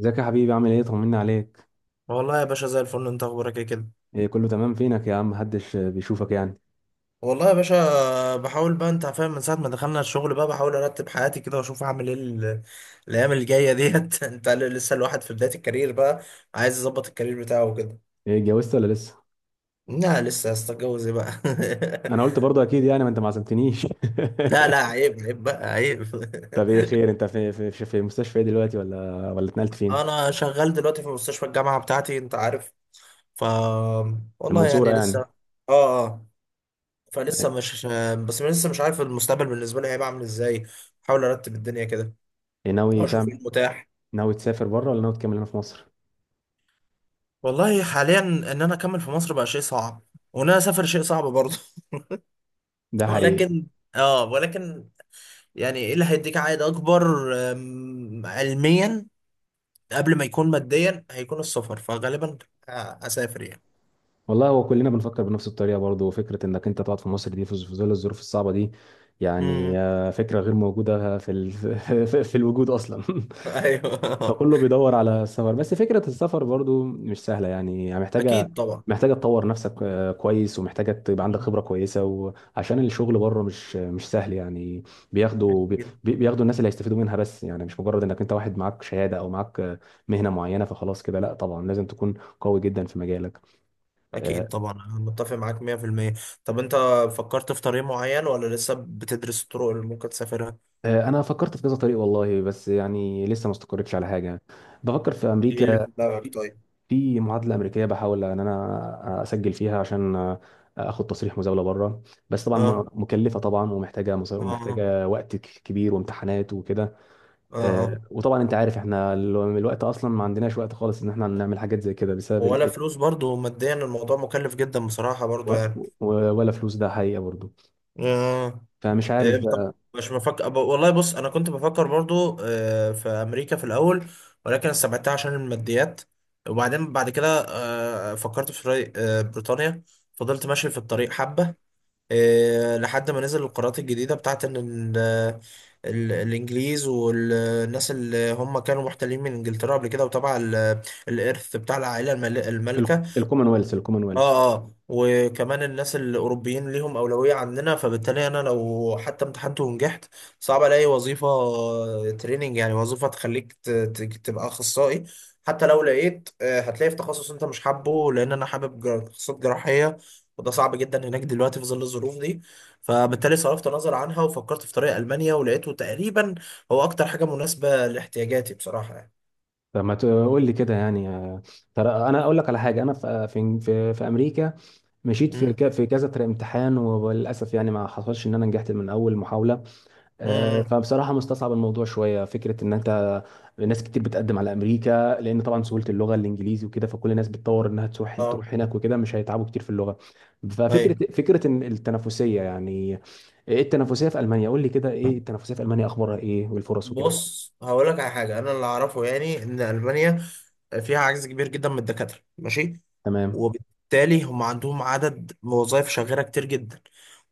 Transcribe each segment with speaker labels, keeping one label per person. Speaker 1: ازيك يا حبيبي، عامل ايه؟ طمنا عليك.
Speaker 2: والله يا باشا، زي الفل. انت اخبارك ايه كده؟
Speaker 1: ايه كله تمام؟ فينك يا عم؟ محدش بيشوفك يعني.
Speaker 2: والله يا باشا بحاول بقى، انت فاهم، من ساعة ما دخلنا الشغل بقى بحاول ارتب حياتي كده، واشوف هعمل ايه الايام الجاية ديت. انت لسه الواحد في بداية الكارير بقى، عايز يظبط الكارير بتاعه وكده.
Speaker 1: ايه اتجوزت ولا لسه؟
Speaker 2: لا، لسه. استتجوز ايه بقى؟
Speaker 1: انا قلت برضه، اكيد يعني، ما انت ما عزمتنيش.
Speaker 2: لا لا، عيب عيب بقى، عيب.
Speaker 1: طب ايه خير؟ انت في مستشفى ايه دلوقتي؟ ولا اتنقلت فين؟
Speaker 2: انا شغال دلوقتي في مستشفى الجامعة بتاعتي، انت عارف. ف
Speaker 1: في
Speaker 2: والله
Speaker 1: المنصورة
Speaker 2: يعني لسه.
Speaker 1: يعني؟
Speaker 2: اه اه. فلسه مش بس لسه مش عارف المستقبل بالنسبة لي هيبقى عامل ازاي. بحاول ارتب الدنيا كده،
Speaker 1: ايه ناوي
Speaker 2: اشوف ايه
Speaker 1: تعمل؟
Speaker 2: المتاح.
Speaker 1: ناوي تسافر بره ولا ناوي تكمل هنا في مصر؟
Speaker 2: والله حاليا ان انا اكمل في مصر بقى شيء صعب، وان انا اسافر شيء صعب برضه.
Speaker 1: ده حقيقي.
Speaker 2: ولكن. اه ولكن يعني ايه اللي هيديك عائد اكبر؟ علميا، قبل ما يكون ماديا هيكون السفر، فغالبا اسافر يعني.
Speaker 1: والله هو كلنا بنفكر بنفس الطريقة برضه. فكرة انك انت تقعد في مصر دي، في ظل الظروف الصعبة دي، يعني
Speaker 2: امم.
Speaker 1: فكرة غير موجودة في ال... في الوجود اصلا.
Speaker 2: ايوه.
Speaker 1: فكله بيدور على السفر، بس فكرة السفر برضو مش سهلة يعني. يعني محتاجة
Speaker 2: اكيد طبعا.
Speaker 1: محتاجة تطور نفسك كويس، ومحتاجة تبقى عندك
Speaker 2: مم.
Speaker 1: خبرة كويسة، وعشان الشغل بره مش سهل يعني. بياخدوا بي-
Speaker 2: اكيد.
Speaker 1: بياخدوا الناس اللي هيستفيدوا منها، بس يعني مش مجرد انك انت واحد معاك شهادة او معاك مهنة معينة فخلاص كده. لا طبعا لازم تكون قوي جدا في مجالك. آه،
Speaker 2: اكيد طبعا، انا متفق معاك 100%. طب انت، فكرت في طريق معين ولا لسه بتدرس الطرق اللي ممكن تسافرها؟
Speaker 1: انا فكرت في كذا طريق والله، بس يعني لسه ما استقرتش على حاجة. بفكر في
Speaker 2: ايه اللي
Speaker 1: امريكا.
Speaker 2: في دماغك طيب؟
Speaker 1: في معادله امريكيه بحاول ان انا اسجل فيها عشان اخد تصريح مزاوله بره. بس طبعا
Speaker 2: اه
Speaker 1: مكلفه طبعا، ومحتاجه مصاري،
Speaker 2: اه
Speaker 1: ومحتاجه وقت كبير وامتحانات وكده.
Speaker 2: اه اه.
Speaker 1: وطبعا انت عارف احنا الوقت اصلا ما عندناش وقت خالص ان احنا نعمل حاجات زي كده، بسبب
Speaker 2: ولا
Speaker 1: الايه.
Speaker 2: فلوس، برضو ماديا الموضوع مكلف جدا بصراحة برضو
Speaker 1: و-
Speaker 2: يعني.
Speaker 1: ولا فلوس، ده حقيقه برضو.
Speaker 2: آه.
Speaker 1: فمش عارف
Speaker 2: إيه طب.
Speaker 1: بقى.
Speaker 2: مش بفكر ب- والله بص، أنا كنت بفكر برضو في أمريكا في الأول، ولكن استبعدتها عشان الماديات. وبعدين بعد كده فكرت في بريطانيا، فضلت ماشي في الطريق حبة، لحد ما نزل القرارات الجديدة بتاعت إن الإنجليز والناس اللي هم كانوا محتلين من إنجلترا قبل كده، وتبع الإرث بتاع العائلة المالكة.
Speaker 1: الكومنولث الكومنولث.
Speaker 2: اه اه، وكمان الناس الاوروبيين ليهم اولويه عننا، فبالتالي انا لو حتى امتحنت ونجحت، صعب الاقي وظيفه، تريننج، يعني وظيفه تخليك تبقى اخصائي. حتى لو لقيت، هتلاقي في تخصص انت مش حابه، لان انا حابب تخصصات جراحيه، وده صعب جدا هناك دلوقتي في ظل الظروف دي. فبالتالي صرفت نظر عنها، وفكرت في طريق المانيا، ولقيته تقريبا هو اكتر حاجه مناسبه لاحتياجاتي بصراحه يعني.
Speaker 1: فما تقول لي كده يعني ترى انا اقول لك على حاجه. انا في امريكا مشيت في
Speaker 2: مم.
Speaker 1: في كذا امتحان، وللاسف يعني ما حصلش ان انا نجحت من اول محاوله.
Speaker 2: امم.
Speaker 1: فبصراحه مستصعب الموضوع شويه. فكره ان انت ناس كتير بتقدم على امريكا، لان طبعا سهوله اللغه الانجليزي وكده، فكل الناس بتطور انها تروح
Speaker 2: اه.
Speaker 1: تروح هناك وكده، مش هيتعبوا كتير في اللغه. ففكره
Speaker 2: ايوه.
Speaker 1: فكره إن التنافسيه يعني، ايه التنافسيه في المانيا؟ قول لي كده، ايه التنافسيه في المانيا، اخبارها ايه والفرص وكده؟
Speaker 2: بص، هقول لك على حاجه. انا اللي اعرفه يعني ان المانيا فيها عجز كبير جدا من الدكاتره، ماشي؟
Speaker 1: تمام.
Speaker 2: وبالتالي هم عندهم عدد وظائف شاغره كتير جدا،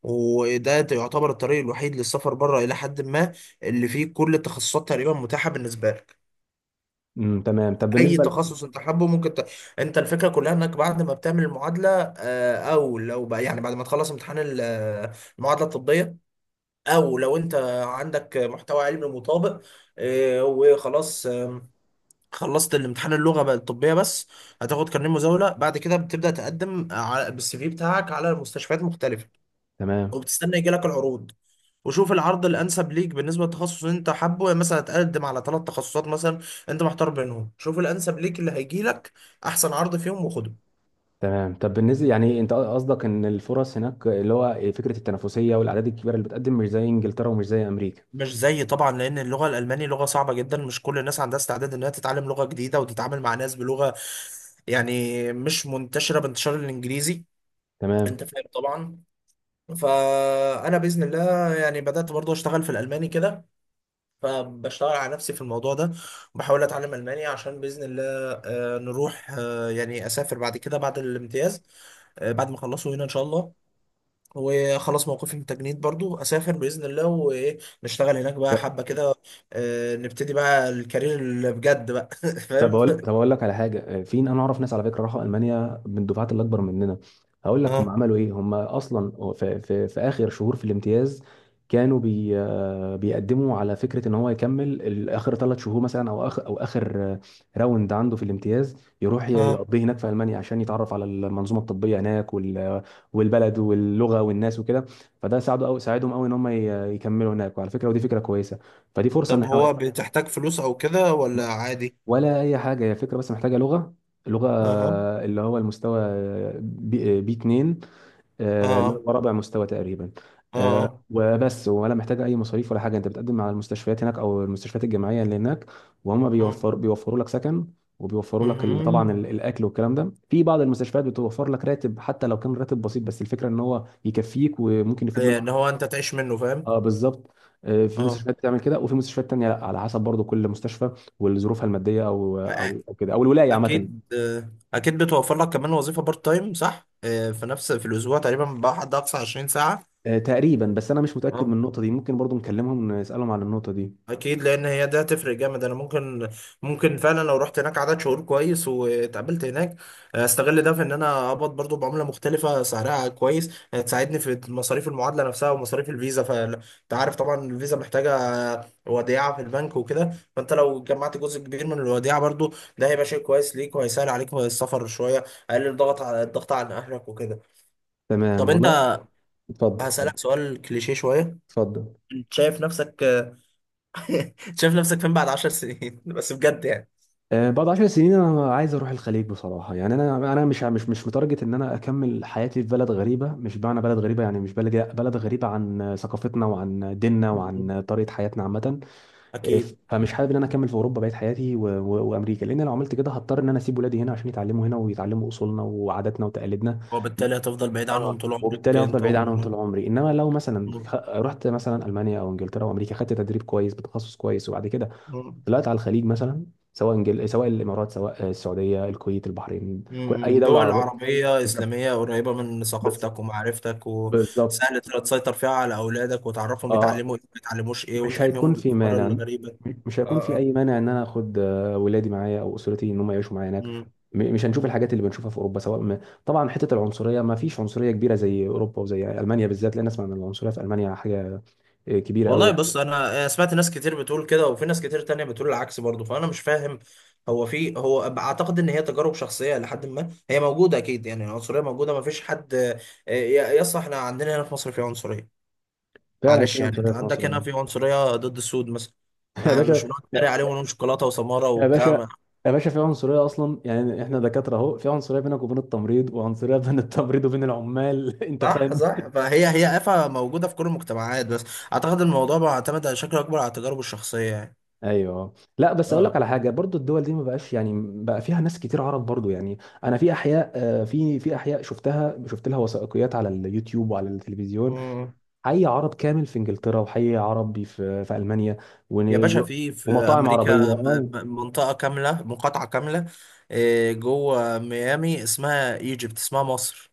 Speaker 2: وده يعتبر الطريق الوحيد للسفر بره الى حد ما، اللي فيه كل التخصصات تقريبا متاحه بالنسبه لك.
Speaker 1: امم، تمام. طب
Speaker 2: اي
Speaker 1: بالنسبه
Speaker 2: تخصص انت حابه ممكن. انت، الفكره كلها انك بعد ما بتعمل المعادله، او لو بقى يعني بعد ما تخلص امتحان المعادله الطبيه، او لو انت عندك محتوى علمي مطابق، وخلاص، خلصت الامتحان، اللغه بقى الطبيه بس، هتاخد كارنيه مزاوله. بعد كده بتبدا تقدم بالسي في بتاعك على مستشفيات مختلفه،
Speaker 1: تمام.
Speaker 2: وبتستنى يجي لك العروض، وشوف العرض الانسب ليك بالنسبه للتخصص اللي انت حابه. يعني مثلا تقدم على ثلاث تخصصات مثلا، انت محتار بينهم، شوف الانسب ليك اللي هيجي لك احسن عرض فيهم وخده.
Speaker 1: تمام، طب بالنسبه يعني انت قصدك ان الفرص هناك، اللي هو فكره التنافسيه والاعداد الكبيره اللي بتقدم، مش زي انجلترا ومش زي امريكا؟
Speaker 2: مش زي طبعا، لان اللغه الالماني لغه صعبه جدا، مش كل الناس عندها استعداد انها تتعلم لغه جديده وتتعامل مع ناس بلغه، يعني مش منتشره بانتشار الانجليزي.
Speaker 1: تمام.
Speaker 2: انت فاهم طبعا. فانا باذن الله يعني بدات برضو اشتغل في الالماني كده، فبشتغل على نفسي في الموضوع ده، وبحاول اتعلم الماني عشان باذن الله نروح، يعني اسافر بعد كده بعد الامتياز، بعد ما اخلصه هنا ان شاء الله، وخلاص موقفي من التجنيد برضو اسافر باذن الله، وايه، نشتغل هناك بقى
Speaker 1: طب
Speaker 2: حبه كده، نبتدي بقى الكارير اللي بجد بقى.
Speaker 1: طب
Speaker 2: فاهم.
Speaker 1: اقول طب اقول لك على حاجه، في انا اعرف ناس على فكره راحوا المانيا من الدفعات اللي اكبر مننا. هقول لك هم
Speaker 2: اه
Speaker 1: عملوا ايه. هم اصلا في اخر شهور في الامتياز كانوا بي آه، بيقدموا على فكره ان هو يكمل اخر ثلاث شهور مثلا، او اخر او اخر راوند عنده في الامتياز، يروح
Speaker 2: اه.
Speaker 1: يقضيه هناك في المانيا، عشان يتعرف على المنظومه الطبيه هناك وال والبلد واللغه والناس وكده. فده ساعده أو ساعدهم قوي ان يكملوا هناك، وعلى فكره ودي فكره كويسه. فدي فرصه ان
Speaker 2: طب
Speaker 1: احنا
Speaker 2: هو، بتحتاج فلوس او كده ولا عادي؟
Speaker 1: ولا اي حاجه، هي فكره بس محتاجه لغه. اللغه
Speaker 2: اها.
Speaker 1: اللي هو المستوى بي 2، اللي
Speaker 2: اه
Speaker 1: هو رابع مستوى تقريبا.
Speaker 2: اه
Speaker 1: وبس، ولا محتاجه اي مصاريف ولا حاجه. انت بتقدم على المستشفيات هناك او المستشفيات الجامعيه اللي هناك، وهم
Speaker 2: اه.
Speaker 1: بيوفروا لك سكن، وبيوفروا لك طبعا
Speaker 2: مم.
Speaker 1: الاكل والكلام ده. في بعض المستشفيات بتوفر لك راتب، حتى لو كان راتب بسيط، بس الفكره ان هو يكفيك وممكن يفيد منه.
Speaker 2: ان هو انت تعيش منه، فاهم.
Speaker 1: اه بالظبط. في
Speaker 2: اه.
Speaker 1: مستشفيات بتعمل كده، وفي مستشفيات تانية لا، على حسب برضو كل مستشفى وظروفها المادية او
Speaker 2: أ-
Speaker 1: او او كده، او الولاية عامة.
Speaker 2: اكيد. اكيد بتوفر لك كمان وظيفه بارت تايم، صح؟ في الاسبوع تقريبا بقى حد اقصى 20 ساعه.
Speaker 1: تقريبا، بس انا مش متأكد من
Speaker 2: اه
Speaker 1: النقطة دي. ممكن برضو نكلمهم نسألهم عن النقطة دي.
Speaker 2: اكيد، لان هي ده هتفرق جامد. انا ممكن فعلا لو رحت هناك عدد شهور كويس واتقابلت هناك، استغل ده في ان انا اقبض برضو بعمله مختلفه سعرها كويس، تساعدني في مصاريف المعادله نفسها ومصاريف الفيزا. فانت عارف طبعا الفيزا محتاجه وديعه في البنك وكده، فانت لو جمعت جزء كبير من الوديعه برضو ده هيبقى شيء كويس ليك، وهيسهل عليك السفر شويه، اقلل ضغط على الضغط على اهلك وكده.
Speaker 1: تمام
Speaker 2: طب انت،
Speaker 1: والله. اتفضل، اتفضل،
Speaker 2: هسألك سؤال كليشيه شويه.
Speaker 1: اتفضل.
Speaker 2: شايف نفسك. شايف نفسك فين بعد 10 سنين؟ بس بجد يعني.
Speaker 1: بعد 10 سنين انا عايز اروح الخليج بصراحة يعني. انا انا مش متارجت ان انا اكمل حياتي في بلد غريبة. مش معنى بلد غريبة يعني، مش بلد غريبة عن ثقافتنا وعن ديننا
Speaker 2: مم.
Speaker 1: وعن طريقة حياتنا عامة.
Speaker 2: أكيد.
Speaker 1: فمش حابب ان انا اكمل في اوروبا بقيت حياتي وامريكا، لان لو عملت كده هضطر ان انا اسيب ولادي هنا عشان يتعلموا هنا ويتعلموا اصولنا وعاداتنا وتقاليدنا.
Speaker 2: وبالتالي هتفضل بعيد عنهم
Speaker 1: اه،
Speaker 2: طول عمرك،
Speaker 1: وبالتالي هفضل
Speaker 2: أنت
Speaker 1: بعيد عنهم طول
Speaker 2: ومراتك.
Speaker 1: عمري. انما لو مثلا
Speaker 2: مم.
Speaker 1: رحت مثلا المانيا او انجلترا او امريكا، خدت تدريب كويس بتخصص كويس، وبعد كده
Speaker 2: مم.
Speaker 1: طلعت على الخليج مثلا، سواء انجل... سواء الامارات سواء السعوديه، الكويت، البحرين، كل اي
Speaker 2: مم.
Speaker 1: دوله
Speaker 2: دول
Speaker 1: عربيه.
Speaker 2: عربية
Speaker 1: بالظبط.
Speaker 2: إسلامية قريبة من
Speaker 1: بس-
Speaker 2: ثقافتك ومعرفتك،
Speaker 1: بالظبط.
Speaker 2: وسهل تقدر تسيطر فيها على أولادك، وتعرفهم
Speaker 1: اه،
Speaker 2: يتعلموا إيه ما يتعلموش إيه،
Speaker 1: مش
Speaker 2: وتحميهم
Speaker 1: هيكون
Speaker 2: من
Speaker 1: في
Speaker 2: الأفكار
Speaker 1: مانع
Speaker 2: الغريبة.
Speaker 1: مش هيكون في
Speaker 2: اه
Speaker 1: اي مانع ان انا اخد ولادي معايا او اسرتي ان هم يعيشوا معايا هناك.
Speaker 2: اه.
Speaker 1: مش هنشوف الحاجات اللي بنشوفها في اوروبا، سواء ما طبعا حته العنصريه. ما فيش عنصريه كبيره زي اوروبا وزي المانيا بالذات، لان اسمع ان العنصريه في المانيا حاجه كبيره قوي
Speaker 2: والله بص،
Speaker 1: يعني.
Speaker 2: انا سمعت ناس كتير بتقول كده، وفي ناس كتير تانية بتقول العكس برضه، فانا مش فاهم. هو اعتقد ان هي تجارب شخصيه، لحد ما هي موجوده اكيد، يعني العنصريه موجوده، ما فيش حد. يس، احنا عندنا هنا في مصر في عنصريه.
Speaker 1: فعلا
Speaker 2: معلش
Speaker 1: في
Speaker 2: يعني، انت
Speaker 1: عنصريه في
Speaker 2: عندك
Speaker 1: مصر.
Speaker 2: هنا في عنصريه ضد السود مثلا،
Speaker 1: يا
Speaker 2: مش
Speaker 1: باشا
Speaker 2: بنقعد
Speaker 1: يا
Speaker 2: نتريق عليهم ونقول شوكولاته وسماره
Speaker 1: يا
Speaker 2: وبتاع
Speaker 1: باشا،
Speaker 2: ما-
Speaker 1: يا باشا، في عنصريه اصلا يعني. احنا دكاتره اهو، في عنصريه بينك وبين التمريض، وعنصريه بين التمريض وبين العمال. انت
Speaker 2: صح
Speaker 1: فاهم.
Speaker 2: صح، فهي هي آفة موجوده في كل المجتمعات، بس اعتقد الموضوع بيعتمد على شكل اكبر على التجارب الشخصيه يعني.
Speaker 1: ايوه. لا بس اقول
Speaker 2: اه.
Speaker 1: لك على حاجه برضو، الدول دي ما بقاش يعني، بقى فيها ناس كتير عرب برضو يعني. انا في احياء في احياء شفتها، شفت لها وثائقيات على اليوتيوب وعلى التلفزيون.
Speaker 2: مم.
Speaker 1: حي عرب كامل في انجلترا، وحي عربي في المانيا،
Speaker 2: يا
Speaker 1: ون-
Speaker 2: باشا،
Speaker 1: و-
Speaker 2: في
Speaker 1: ومطاعم عربيه.
Speaker 2: امريكا
Speaker 1: اه،
Speaker 2: منطقه كامله، مقاطعه كامله جوه ميامي اسمها ايجيبت، اسمها مصر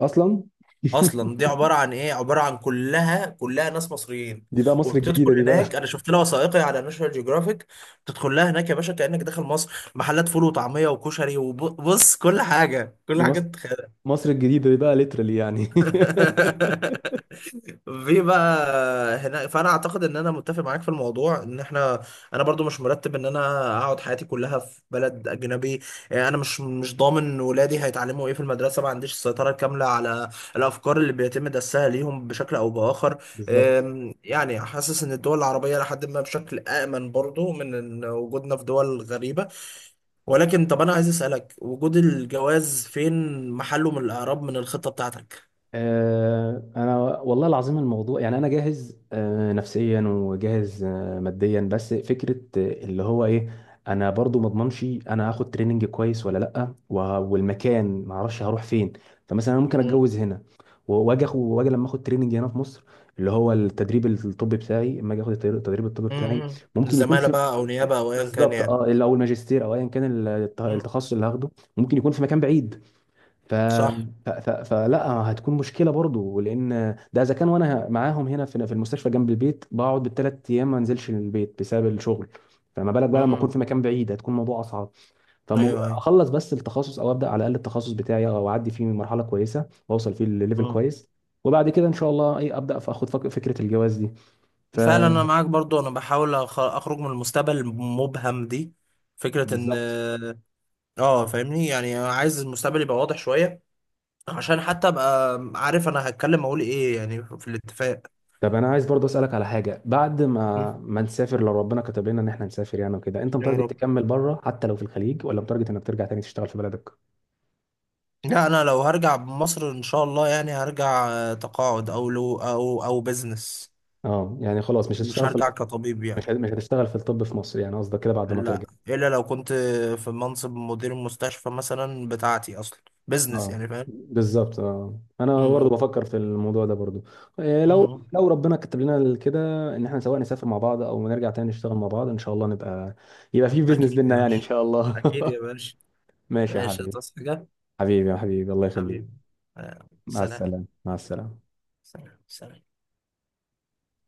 Speaker 1: اصلا.
Speaker 2: اصلا. دي عباره عن ايه؟ عباره عن كلها كلها ناس مصريين.
Speaker 1: دي بقى مصر
Speaker 2: وبتدخل
Speaker 1: الجديده دي بقى.
Speaker 2: هناك، انا شفت لها وثائقي على ناشونال جيوغرافيك. بتدخل لها هناك يا باشا كانك داخل مصر. محلات فول وطعميه وكشري وبص، كل حاجه كل
Speaker 1: دي
Speaker 2: حاجه
Speaker 1: مصر،
Speaker 2: تتخيلها.
Speaker 1: مصر الجديده دي بقى ليترالي يعني.
Speaker 2: في بقى هنا. فانا اعتقد ان انا متفق معاك في الموضوع، ان احنا، انا برضو مش مرتب ان انا اقعد حياتي كلها في بلد اجنبي. يعني انا مش ضامن ولادي هيتعلموا ايه في المدرسه، ما عنديش السيطره الكامله على الافكار اللي بيتم دسها ليهم بشكل او باخر.
Speaker 1: بالظبط.
Speaker 2: يعني حاسس ان الدول العربيه لحد ما بشكل امن برضو من إن وجودنا في دول غريبه. ولكن، طب انا عايز اسالك، وجود الجواز فين محله من الاعراب من الخطه بتاعتك؟
Speaker 1: انا والله العظيم، الموضوع يعني انا جاهز نفسيا، وجاهز ماديا، بس فكره اللي هو ايه، انا برضو ما اضمنش انا هاخد تريننج كويس ولا لا، والمكان ما اعرفش هروح فين. فمثلا انا ممكن اتجوز هنا واجي واجي لما اخد تريننج هنا في مصر، اللي هو التدريب الطبي بتاعي. اما اجي اخد التدريب الطبي بتاعي ممكن يكون
Speaker 2: الزمالة
Speaker 1: في،
Speaker 2: بقى، أو نيابة، أو أيا كان
Speaker 1: بالظبط.
Speaker 2: يعني.
Speaker 1: اه، او الماجستير او ايا كان
Speaker 2: امم.
Speaker 1: التخصص اللي هاخده، ممكن يكون في مكان بعيد. ف...
Speaker 2: صح.
Speaker 1: فلا هتكون مشكله برضو، لان ده اذا كان وانا معاهم هنا في المستشفى جنب البيت، بقعد بالثلاث ايام ما انزلش البيت بسبب الشغل، فما بالك بقى لما اكون في
Speaker 2: امم.
Speaker 1: مكان بعيد، هتكون الموضوع اصعب.
Speaker 2: أيوه أيوه.
Speaker 1: فاخلص بس التخصص، او ابدا على الاقل التخصص بتاعي، او اعدي فيه من مرحله كويسه واوصل فيه لليفل
Speaker 2: امم.
Speaker 1: كويس، وبعد كده ان شاء الله ايه ابدا فاخد فكره الجواز دي. ف،
Speaker 2: فعلا أنا معاك برضو. أنا بحاول أخرج من المستقبل المبهم دي. فكرة إن،
Speaker 1: بالظبط.
Speaker 2: فاهمني يعني، أنا عايز المستقبل يبقى واضح شوية، عشان حتى أبقى عارف أنا هتكلم أقول إيه يعني في الاتفاق.
Speaker 1: طب انا عايز برضه اسالك على حاجه. بعد ما
Speaker 2: مم.
Speaker 1: ما نسافر، لو ربنا كتب لنا ان احنا نسافر يعني وكده، انت
Speaker 2: يا
Speaker 1: متارجت
Speaker 2: رب.
Speaker 1: تكمل بره حتى لو في الخليج، ولا متارجت انك ترجع تاني تشتغل في بلدك؟
Speaker 2: لا، أنا لو هرجع مصر إن شاء الله يعني هرجع تقاعد، أو لو، أو بزنس.
Speaker 1: اه، يعني خلاص مش
Speaker 2: مش
Speaker 1: هتشتغل في،
Speaker 2: هرجع كطبيب يعني.
Speaker 1: مش هتشتغل في الطب في مصر يعني، قصدك كده بعد ما
Speaker 2: لا،
Speaker 1: ترجع؟
Speaker 2: الا لو كنت في منصب مدير المستشفى مثلا بتاعتي اصلا. بزنس
Speaker 1: اه،
Speaker 2: يعني، فاهم.
Speaker 1: بالظبط. اه، انا برضه
Speaker 2: مم.
Speaker 1: بفكر في الموضوع ده برضه. إيه لو
Speaker 2: مم.
Speaker 1: لو ربنا كتب لنا كده ان احنا سواء نسافر مع بعض او نرجع تاني نشتغل مع بعض، ان شاء الله نبقى، يبقى في
Speaker 2: اكيد
Speaker 1: بيزنس
Speaker 2: يا
Speaker 1: بينا يعني ان
Speaker 2: باشا.
Speaker 1: شاء الله.
Speaker 2: اكيد يا باشا.
Speaker 1: ماشي يا
Speaker 2: ماشي.
Speaker 1: حبيبي.
Speaker 2: هتصحى حاجه؟
Speaker 1: حبيبي يا حبيبي، الله
Speaker 2: حبيبي.
Speaker 1: يخليك. مع
Speaker 2: سلام.
Speaker 1: السلامه، مع السلامه.
Speaker 2: سلام سلام.